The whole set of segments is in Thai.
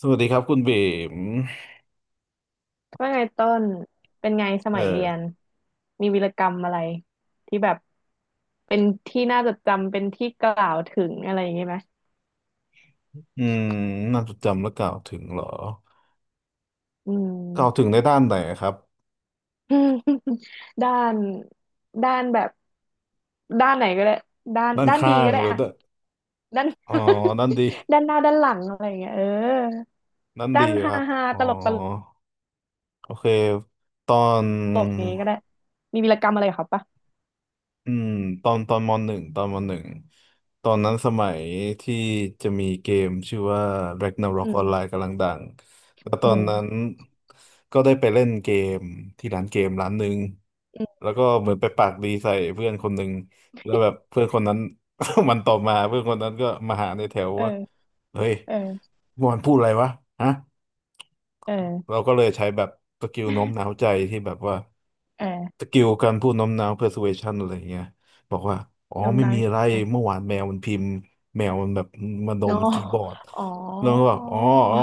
สวัสดีครับคุณเบมว่าไงต้นเป็นไงสเอมัยเรียอนมีวีรกรรมอะไรที่แบบเป็นที่น่าจดจำเป็นที่กล่าวถึงอะไรอย่างงี้ไหมอืมน่าจดจำและกล่าวถึงเหรออืม กล่าวถึงในด้านไหนครับ ด้านด้านแบบด้านไหนก็ได้ด้านด้านด้านข้าดีงก็ได้หรืออะด้านด้าน อ๋อด้านดี ด้านหน้าด้านหลังอะไรอย่างเงี้ยเออด้านด้าดีนคฮารับ ฮาอ๋อ ตลกตโอเค ตอน ลกอย่างงี้ก็ได้มีวีรกรรมอะไรกับเขาปะอืมตอนตอนมหนึ่งตอนมหนึ่งตอนนั้นสมัยที่จะมีเกมชื่อว่า อื Ragnarok ม Online กำลังดัง แล้วตอโอ้โหนนั้นก็ได้ไปเล่นเกมที่ร้านเกมร้านหนึ่งอืแล้มวก็เหมือนไปปากดีใส่เพื่อนคนหนึ่งแล้วแบบเพื่อนคนนั้น มันต่อมาเพื่อนคนนั้นก็มาหาในแถวว่าเออเฮ้ยเออมอนพูดอะไรวะฮะเออเราก็เลยใช้แบบสกิลโน้มน้าวใจที่แบบว่า เออสกิลการพูดโน้มน้าว persuasion อะไรอย่างเงี้ยบอกว่าอ๋อโน้มไม่น้าวมีอะยัไรงไงเมื่อวานแมวมันพิมพ์แมวมันแบบมันโดโนนมันคีย์บอร์ดอ๋แล้วก็บอ อกอ๋อ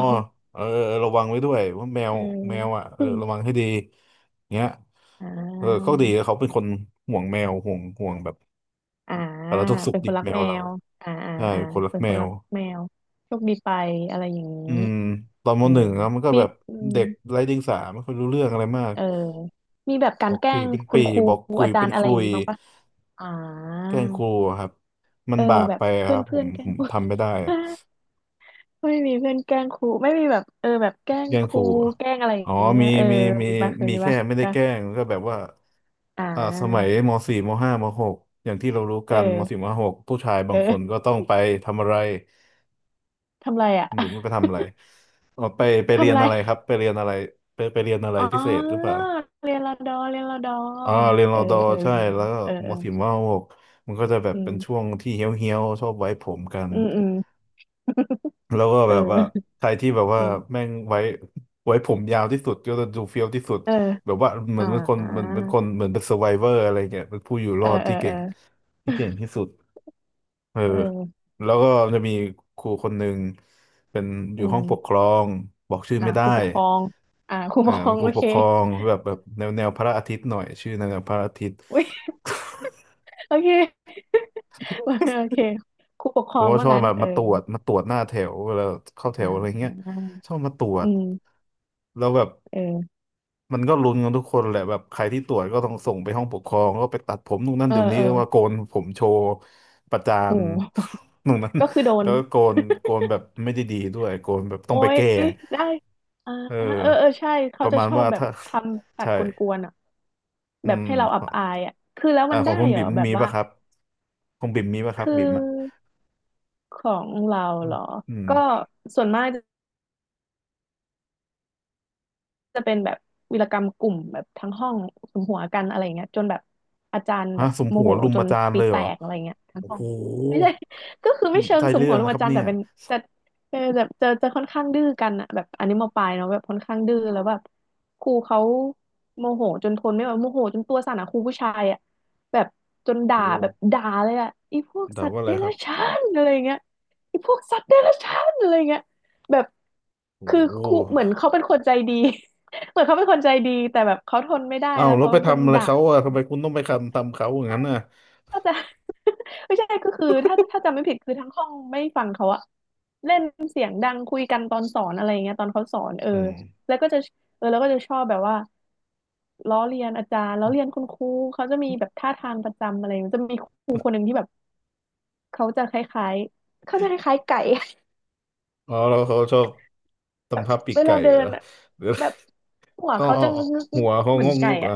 เออเออระวังไว้ด้วยว่าแมวอืม แมวอ่ะ เออือมระวังให้ดีเงี้ยอ่เออเขาาดีเขาเป็นคนห่วงแมวห่วงแบบอ่าสารทุกข์สุเป็ขนคดินบรักแมวแมเราวอ่าอ่าใช่อ่าคนรักเป็นแมคนวรักแมว โชคดีไปอะไรอย่างนี้ อืมตอนมเออ หนึ่งอะมันก็มีแบบอืมเด็กไร้เดียงสาไม่ค่อยรู้เรื่องอะไรมากเออมีแบบกาบรอกแกล้ปีงเป็นคุปีณครูบอกคุยอาจาเป็รนย์อะไรคุอย่างย นี้บ้างปะอ่าแกล้งครูอะครับ มันเออบาปแบไปบอะคเพื่อรันบผเพื่อมนแกล้ผง ม ครู ทำไม่ได้ ไม่มีเพื่อนแกล้งครูไม่มีแบบเออแบบแกล้งแกล้งคครูรูอะแกล้งอะไรออ๋ย่าองนี้มีนะเออมีมีมีปะเคยมีมีแค่ปะไม่ได้นะแกล้งก็แบบว่าอ่อ่าสมัยามสี่มห้ามหกอย่างที่เรารู้เอกันมสี่อมหหกผู้ชายบางคนก็เออต้องไปทำอะไรทำไรอ่ะ หรือไม่ไป ทำอะไรอ๋อไปเรีทำยนไร อะไรครับไปเรียนอะไรไปเรียนอะไรอ๋อพิเศษหรือเปล่าเรียนรอดอเรียนรอดออ๋อเรียนรเอออดอเออเรีใช่ยนรอดแล้อวก็เออมเออสี่มมหกมันก็จะแบบอืเป็นมช่วงที่เฮี้ยวชอบไว้ผมกัน อืมอืมแล้วก็เแบบว่าออใครที่แบบว่าเออแม่งไว้ไว้ผมยาวที่สุดก็จะดูเฟี้ยวที่สุดเออแบบว่าเหมืออ่นเป็นคนเหมือนาเป็นคนเหมือนเป็น s ซ r v i เวอร์อะไรเงี้ยเป็นผู้อยู่รเอออดเออเออที่เก่งที่สุดเออเออแล้วก็จะมีครูคนหนึ่งเป็นออืยู่ห้องปกคมรองบอกชื่ออ่าไม่ได้ครูปกครองอ่าครูเอปอกครเป็อนงครูโอปเคกครองแบบแนวพระอาทิตย์หน่อยชื่อแนวพระอาทิตย์ อุ้ยโอเคโอเคครูปกค รผอมงก็ชว่าอบงั้นแบบเออมาตรวจหน้าแถวเวลาเข้าแถอ่วอะไราเงี้ยชอบมาตรวอืจมแล้วแบบ เออมันก็ลุ้นกันทุกคนแหละแบบใครที่ตรวจก็ต้องส่งไปห้องปกครองก็ไปตัดผมนู่นนั่นเออเดี๋ยวนี้เออแล้วว่าโกนผมโชว์ประจาโน ห นู่นนั้นก็คือโดนแล้วก็โกนแบบไม่ได้ดีด้วยโกนแบบต้โอ้องไปยแก้ได้อ่าเอเออเอออใช่ปเขาระจะมาณชอบว่าแบบถ้า ทำ ตัดใช่กวนๆอ่ะ อืแบบมให้เราอับอายอ่ะคือแล้วอ่ามันขอได้งคุณเหรอบิ่มแบบมีว่าป่ะครับของบิ่มมีป่ะครับคืบิ่มอ่ะอของเราอืเหรมอ อืมก็ส่วนมาก จะเป็นแบบวีรกรรมกลุ่มแบบทั้งห้องสมหัวกันอะไรเงี้ยจนแบบอาจารย์ฮะแบบสมโมหัวโหรุมจปนระจาน์ปีเลยแตเหรอกอะไรเงี้ยทั้งโอ้ห้อโหงไม่ใช่ ก็คือไม่เชิงได้สมเรื่หัอวงลูกนะครัอาบจารย์เนี่แต่ยเป็นแต่เออแบบจะค่อนข้างดื้อกันอะแบบอันนี้มปลายเนาะแบบค่อนข้างดื้อแล้วแบบครูเขาโมโหจนทนไม่ไหวโมโหจนตัวสั่นอะครูผู้ชายอะแบบจนด่าโอ้แบบด่าเลยอะอีพวกด่าสัตว่าว์อะเดไรครัรับจฉานอะไรเงี้ยอีพวกสัตว์เดรัจฉานอะไรเงี้ยแบบโอคือครู้ เหมือนเขาเป็นคนใจดี เหมือนเขาเป็นคนใจดีแต่แบบเขาทนไม่ได้อ้าวแล้วแล้วเขาไปจนทำอะไรด่าเขาอ่ะทำไมคุณต้องไปทำเขาอย่างนั้นน่ะก็จะ ไม่ใช่ก็คือถ้าจำไม่ผิดคือทั้งห้องไม่ฟังเขาอะเล่นเสียงดังคุยกันตอนสอนอะไรอย่างเงี้ยตอนเขาสอนเอออืมแล้วก็จะเออแล้วก็จะชอบแบบว่าล้อเลียนอาจารย์ล้อเลียนคุณครูเขาจะมีแบบท่าทางประจำอะไรอย่างเงี้ยจะมีครูคนหนึ่งที่แบบเขาจะคล้ายๆเขาจะคล้ายๆไก่ อ๋อแล้วเขาชอบ แบบทำท่าปีกเวไก่ลาเดิเหรอนอะหรือ แบบหัว อ๋อเขาอ๋อจะงอ๋อึหักวๆๆเขาๆเหมืงอนกงไก่กเหรอะอ่ะ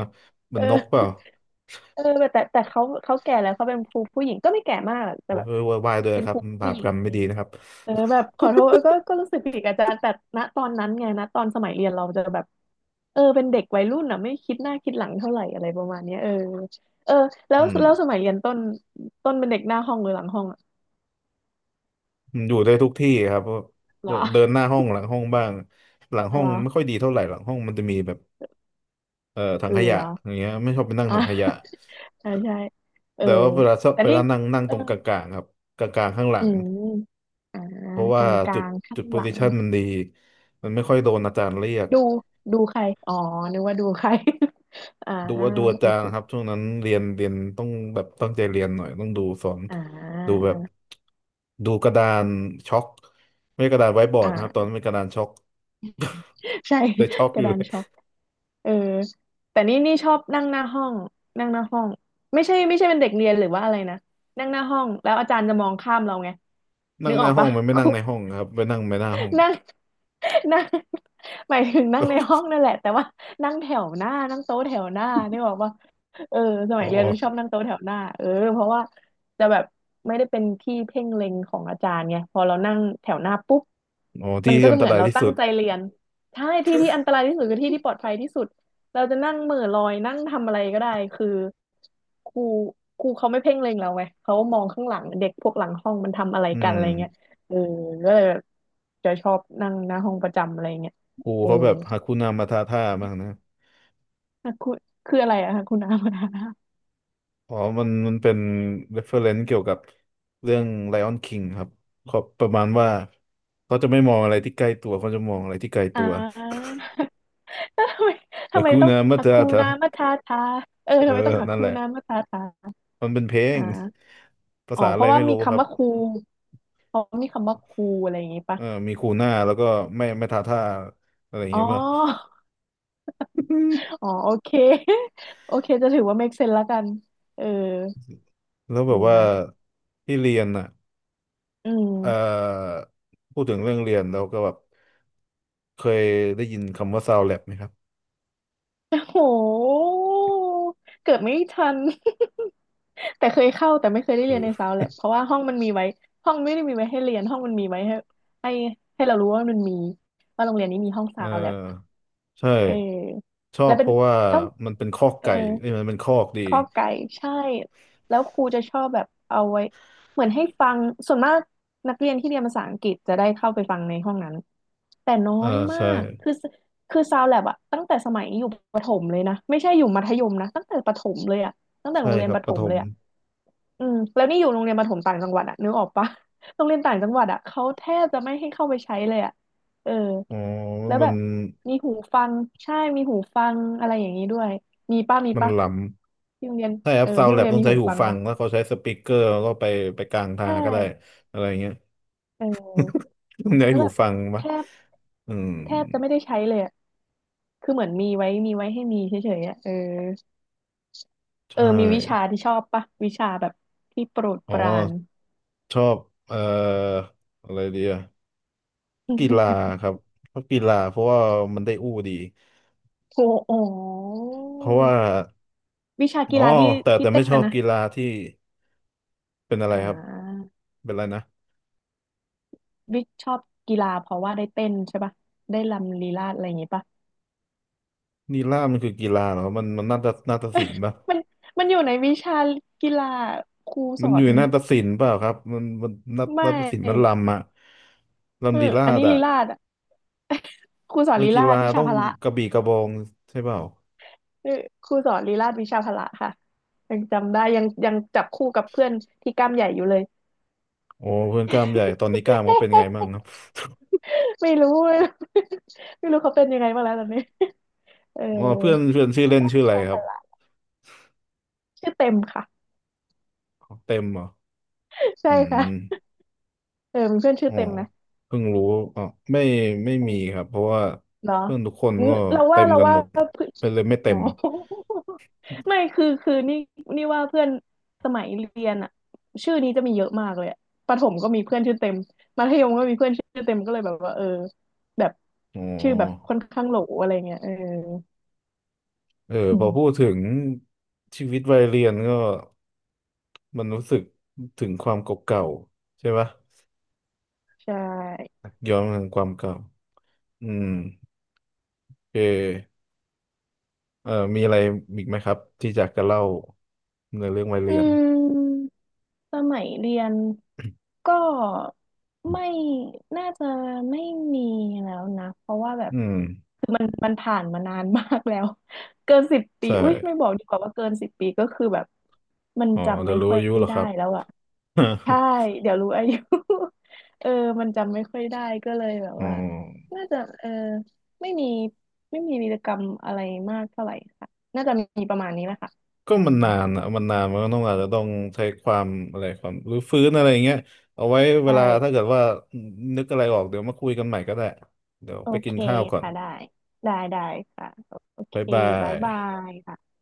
มัเอนอ นกเปล่าเออแต่เขาแก่แล้วเขาเป็นครูผู้หญิงก็ไม่แก่มากหรอกแต่โอ้ยแบบโวยวายเวยเป็นคครับรูบาผู้ปหญิกงรรมอะไม่ไรอย่าดีงเงี้ยนะครับเออแบบขอโทษก็รู้สึกผิดกับอาจารย์แต่ณตอนนั้นไงณตอนสมัยเรียนเราจะแบบเออเป็นเด็กวัยรุ่นอ่ะไม่คิดหน้าคิดหลังเท่าไหร่อะไรประมาณเนี้ยเออเออแล้อืวมแล้วสมัยเรียนต้นต้นเป็นเด็กหน้าห้องหรือหลังห้องอะมันอยู่ได้ทุกที่ครับเพราะเหรเดิอนเดินหน้าห้องหลังห้องบ้างหลังห้อเหรงอไม่ค่อยดีเท่าไหร่หลังห้องมันจะมีแบบถังขเหยะรออย่างเงี้ยไม่ชอบไปนั่งอ่ถังขยะะใช่ใช่เออแต่ว่าเวลาชอบแต่ไปนี่แล้วนั่งนั่งเอตอรงกลางๆครับกลางๆข้างหลัอืง มอ่าเพราะกว่าจุลาดงๆข้าจุงดโพหลัซิง ชันมันดีมันไม่ค่อยโดนอาจารย์เรียกดูดูใครอ๋อนึกว่าดูใคร อ่าดูอาโอจารเคย์นะครับช่วงนั้นเรียนต้องแบบตั้งใจเรียนหน่อยต้องดูสอนอ่ดูาแบบดูกระดานช็อกไม่ใช่กระดานไว้บอร์ดอ่นะครับตอนานั้นเป็นกระดานช็อก ใช่ แต่ช็อ กกอระยู่ดาเลนยช็อกเออแต่นี่ชอบนั่งหน้าห้องนั่งหน้าห้องไม่ใช่ไม่ใช่เป็นเด็กเรียนหรือว่าอะไรนะนั่งหน้าห้องแล้วอาจารย์จะมองข้ามเราไงนึนั่งกหอน้าอกห้อปะงมันไม่คนั่รู งในห้อง ครับไปนั่งไปหน้าห้องนั่งนั่งหมายถึงนั่งในห้องนั่นแหละแต่ว่านั่งแถวหน้านั่งโต๊ะแถวหน้านี่บอกว่าเออสมัอ๋อยเรียนจะชอบนั่งโต๊ะแถวหน้าเออเพราะว่าจะแบบไม่ได้เป็นที่เพ่งเล็งของอาจารย์ไงพอเรานั่งแถวหน้าปุ๊บอ๋อที่มันก็อัจะนตเหมือนรายเราที่ตั้สุงดใจเรียนใช่ที่ที่อันตรายที่สุดคือที่ที่ปลอดภัยที่สุดเราจะนั่งเหม่อลอยนั่งทำอะไรก็ได้คือครูครูเขาไม่เพ่งเล็งเราไงเขามองข้างหลังเด็กพวกหลังห้องมันทำอะไรอืกันมอะไรเงี้ย เออก็เลยแบบจะชอบนั่งหน้าห้องประจำอะไรเงี้ยครูเออเขาแบบฮาคุนามาทาท่ามากนะ อ่ะคุณคืออะไรอะคะคุน้ามาทานาอ๋อมันเป็น reference เกี่ยวกับเรื่อง Lion King ครับเขาประมาณว่าเขาจะไม่มองอะไรที่ใกล้ตัว เขาจะมองอะไรที่ไกลตัอ่า ว ทำไมแต่ทำไมคูต้องนามัตหัตกคูานามาทาทาเออเอทำอไมต้องหักนั่นคูแหละ นามาทาทามันเป็นเพลงอ่าภาอ๋อษาเพอะไรราะว่าไม่มีรู้ครัคำบว่าคูเพราะมีคำว่าคูอะไรอย่างงี้ปะเออมีคูน่าแล้วก็ไม่ทาท่า อะไรอย่างอ๋เงี้ยป่ะ อ อ๋อ โอเค โอเคจะถือว่า make sense ละกันเออแล้วแบบว่านะที่เรียนอ่ะอืเอ่มอพูดถึงเรื่องเรียนแล้วก็แบบเคยได้ยินคำว่า sound lab ไหมครับโอ้โหเกิดไม่ทัน แต่เคยเข้าแต่ไม่เคยได้คืเรียอนในซาวแลบเพราะว่าห้องมันมีไว้ห้องไม่ได้มีไว้ให้เรียนห้องมันมีไว้ให้ให้เรารู้ว่ามันมีว่าโรงเรียนนี้มีห้องเอซาวแลบอใช่ เออชอแล้บวเพเป็นราะว่าแล้วมันเป็นคอกเออไก่เอ้ยมันเป็นคอกดีข้อไก่ใช่แล้วครูจะชอบแบบเอาไว้เหมือนให้ฟังส่วนมากนักเรียนที่เรียนภาษาอังกฤษจะได้เข้าไปฟังในห้องนั้นแต่น้อเออยมาใช่กคือซาวแลบอะตั้งแต่สมัยอยู่ประถมเลยนะไม่ใช่อยู่มัธยมนะตั้งแต่ประถมเลยอะตั้งแต่ใช่โรงเรียคนรัปบระถปฐมเลมยอะ อืมแล้วนี่อยู่โรงเรียนประถมต่างจังหวัดอะนึกออกปะ โรงเรียนต่างจังหวัดอะเขาแทบจะไม่ให้เข้าไปใช้เลยอะเอออ๋อแล้วมัแบนบมีหูฟังใช่มีหูฟังอะไรอย่างนี้ด้วยมีป้ามีมันปะหลที่โรงเรียนำใช่ครัเอบอซาวที่โรแล็งบเรียนต้องมีใช้หูหูฟังฟังปะแล้วเขาใช้สปีกเกอร์แล้วก็ไปไปกลางทาใชงก็ได้่อะไรเงี้ยเออต้องใช้แล้วหูแบบฟังแทปะบอืมแทบจะไม่ได้ใช้เลยอะคือเหมือนมีไว้ให้มีเฉยๆอะเออใชเออมีวิชา่ที่ชอบปะวิชาแบบที่โปรดอ๋อปราน ชอบเอ่ออะไรดีอะกีฬา ครับชอบกีฬาเพราะว่ามันได้อู้ดีโอ้โหเพราะว่าวิชาอ๋กีอฬาที่แต่ที่แต่ไม่เต้นชอนะบนะ กีฬาที่เป็นอะไรอ่ครับาเป็นอะไรนะ บิ๊กชอบกีฬาเพราะว่าได้เต้นใช่ปะได้รำลีลาศอะไรอย่างงี้ปะนีล่ามันคือกีฬาเหรอครับมันมันนาฏศิลป์ป่ะมันมันอยู่ในวิชากีฬาครูสมันออยู่นในนาฏศิลป์เปล่าครับมันมันนาฏไมนาฏศิลป์มัน่ลำอะเออลำลีลาอันดนี้ลีอะลาศอะ ครูสอนมันลีกีลาฬาศวิชาต้องพละกระบี่กระบองใช่เปล่าเออครูสอนลีลาศวิชาพละค่ะยังจำได้ยังยังจับคู่กับเพื่อนที่กล้ามใหญ่อยู่เลย โอ้เพื่อนกล้ามใหญ่ตอนนี้กล้ามเขาเป็นไงบ้างครับ ไม่รู้ เลยไม่รู้เขาเป็นยังไงบ้างแล้วตอนนี้เอออ๋อเพื่อนเพื่อนชื่อเล่ชนอบชื่อวิอะไรชาคพรับ ละชื่อเต็มค่ะ เต็มเหรอ ใช่อืค่ะมเออมีเพื่อนชื่ออ๋อเต็มนะ เพิ่งรู้อ๋อไม่ไม่เอมีครัอบ เพราะว่าเหรอเพื่อนทุกคนอืมก็เราเต็ว่ามเรากันว่าหมดเพื่อนเป็นเลยไม่เต็อ๋อ ม ไม่คือนี่นี่ว่าเพื่อนสมัยเรียนอะชื่อนี้จะมีเยอะมากเลยอะประถมก็มีเพื่อนชื่อเต็มมัธยมก็มีเพื่อนชื่อเต็มก็เลยแบบว่าเออแบบอ๋ชื่อแบบอค่อนข้างโหลอะไรเงี้ยเออเอออืพอพูดมถึงชีวิตวัยเรียนก็ มันรู้สึกถึงความเก่าๆใช่ปะใช่ย้อนถึงความเก่าอืมโอเคเอ่อมีอะไรอีกไหมครับที่อยากจะเล่าในเรื่องวัยอืเรียนม สมัยเรียนก็ไม่น่าจะไม่มีแล้วนะเพราะว่าแบบอืมคือมันผ่านมานานมากแล้ว เกินสิบปีใช่อุ้ยไม่บอกดีกว่าว่าเกินสิบปีก็คือแบบมันอ๋อจำเดี๋ยไม่วรู้ค่อยอายุเหรอคได้รับ แล้วอะ ใช่เดี๋ยวรู้อายุ เออมันจำไม่ค่อยได้ก็เลยแบบอ๋อว่าน่าจะเออไม่มีไม่มีวีรกรรมอะไรมากเท่าไหร่ค่ะน่าจะมีประมาณนี้แหละค่ะก็อืมัมนนานอ่ะมันนานมันก็ต้องอาจจะต้องใช้ความอะไรความรื้อฟื้นอะไรอย่างเงี้ยเอาไว้เวลาถ้าใช่ เกิดว่านึกอะไรออกเดี๋ยวมาคุยกันใหม่ก็ได้เดี๋ยวโอไปกิเคนข้าวก่อนค่ะได้ได้ได้ค่ะโอเคบ๊ายบาบ๊ายยบายค่ะ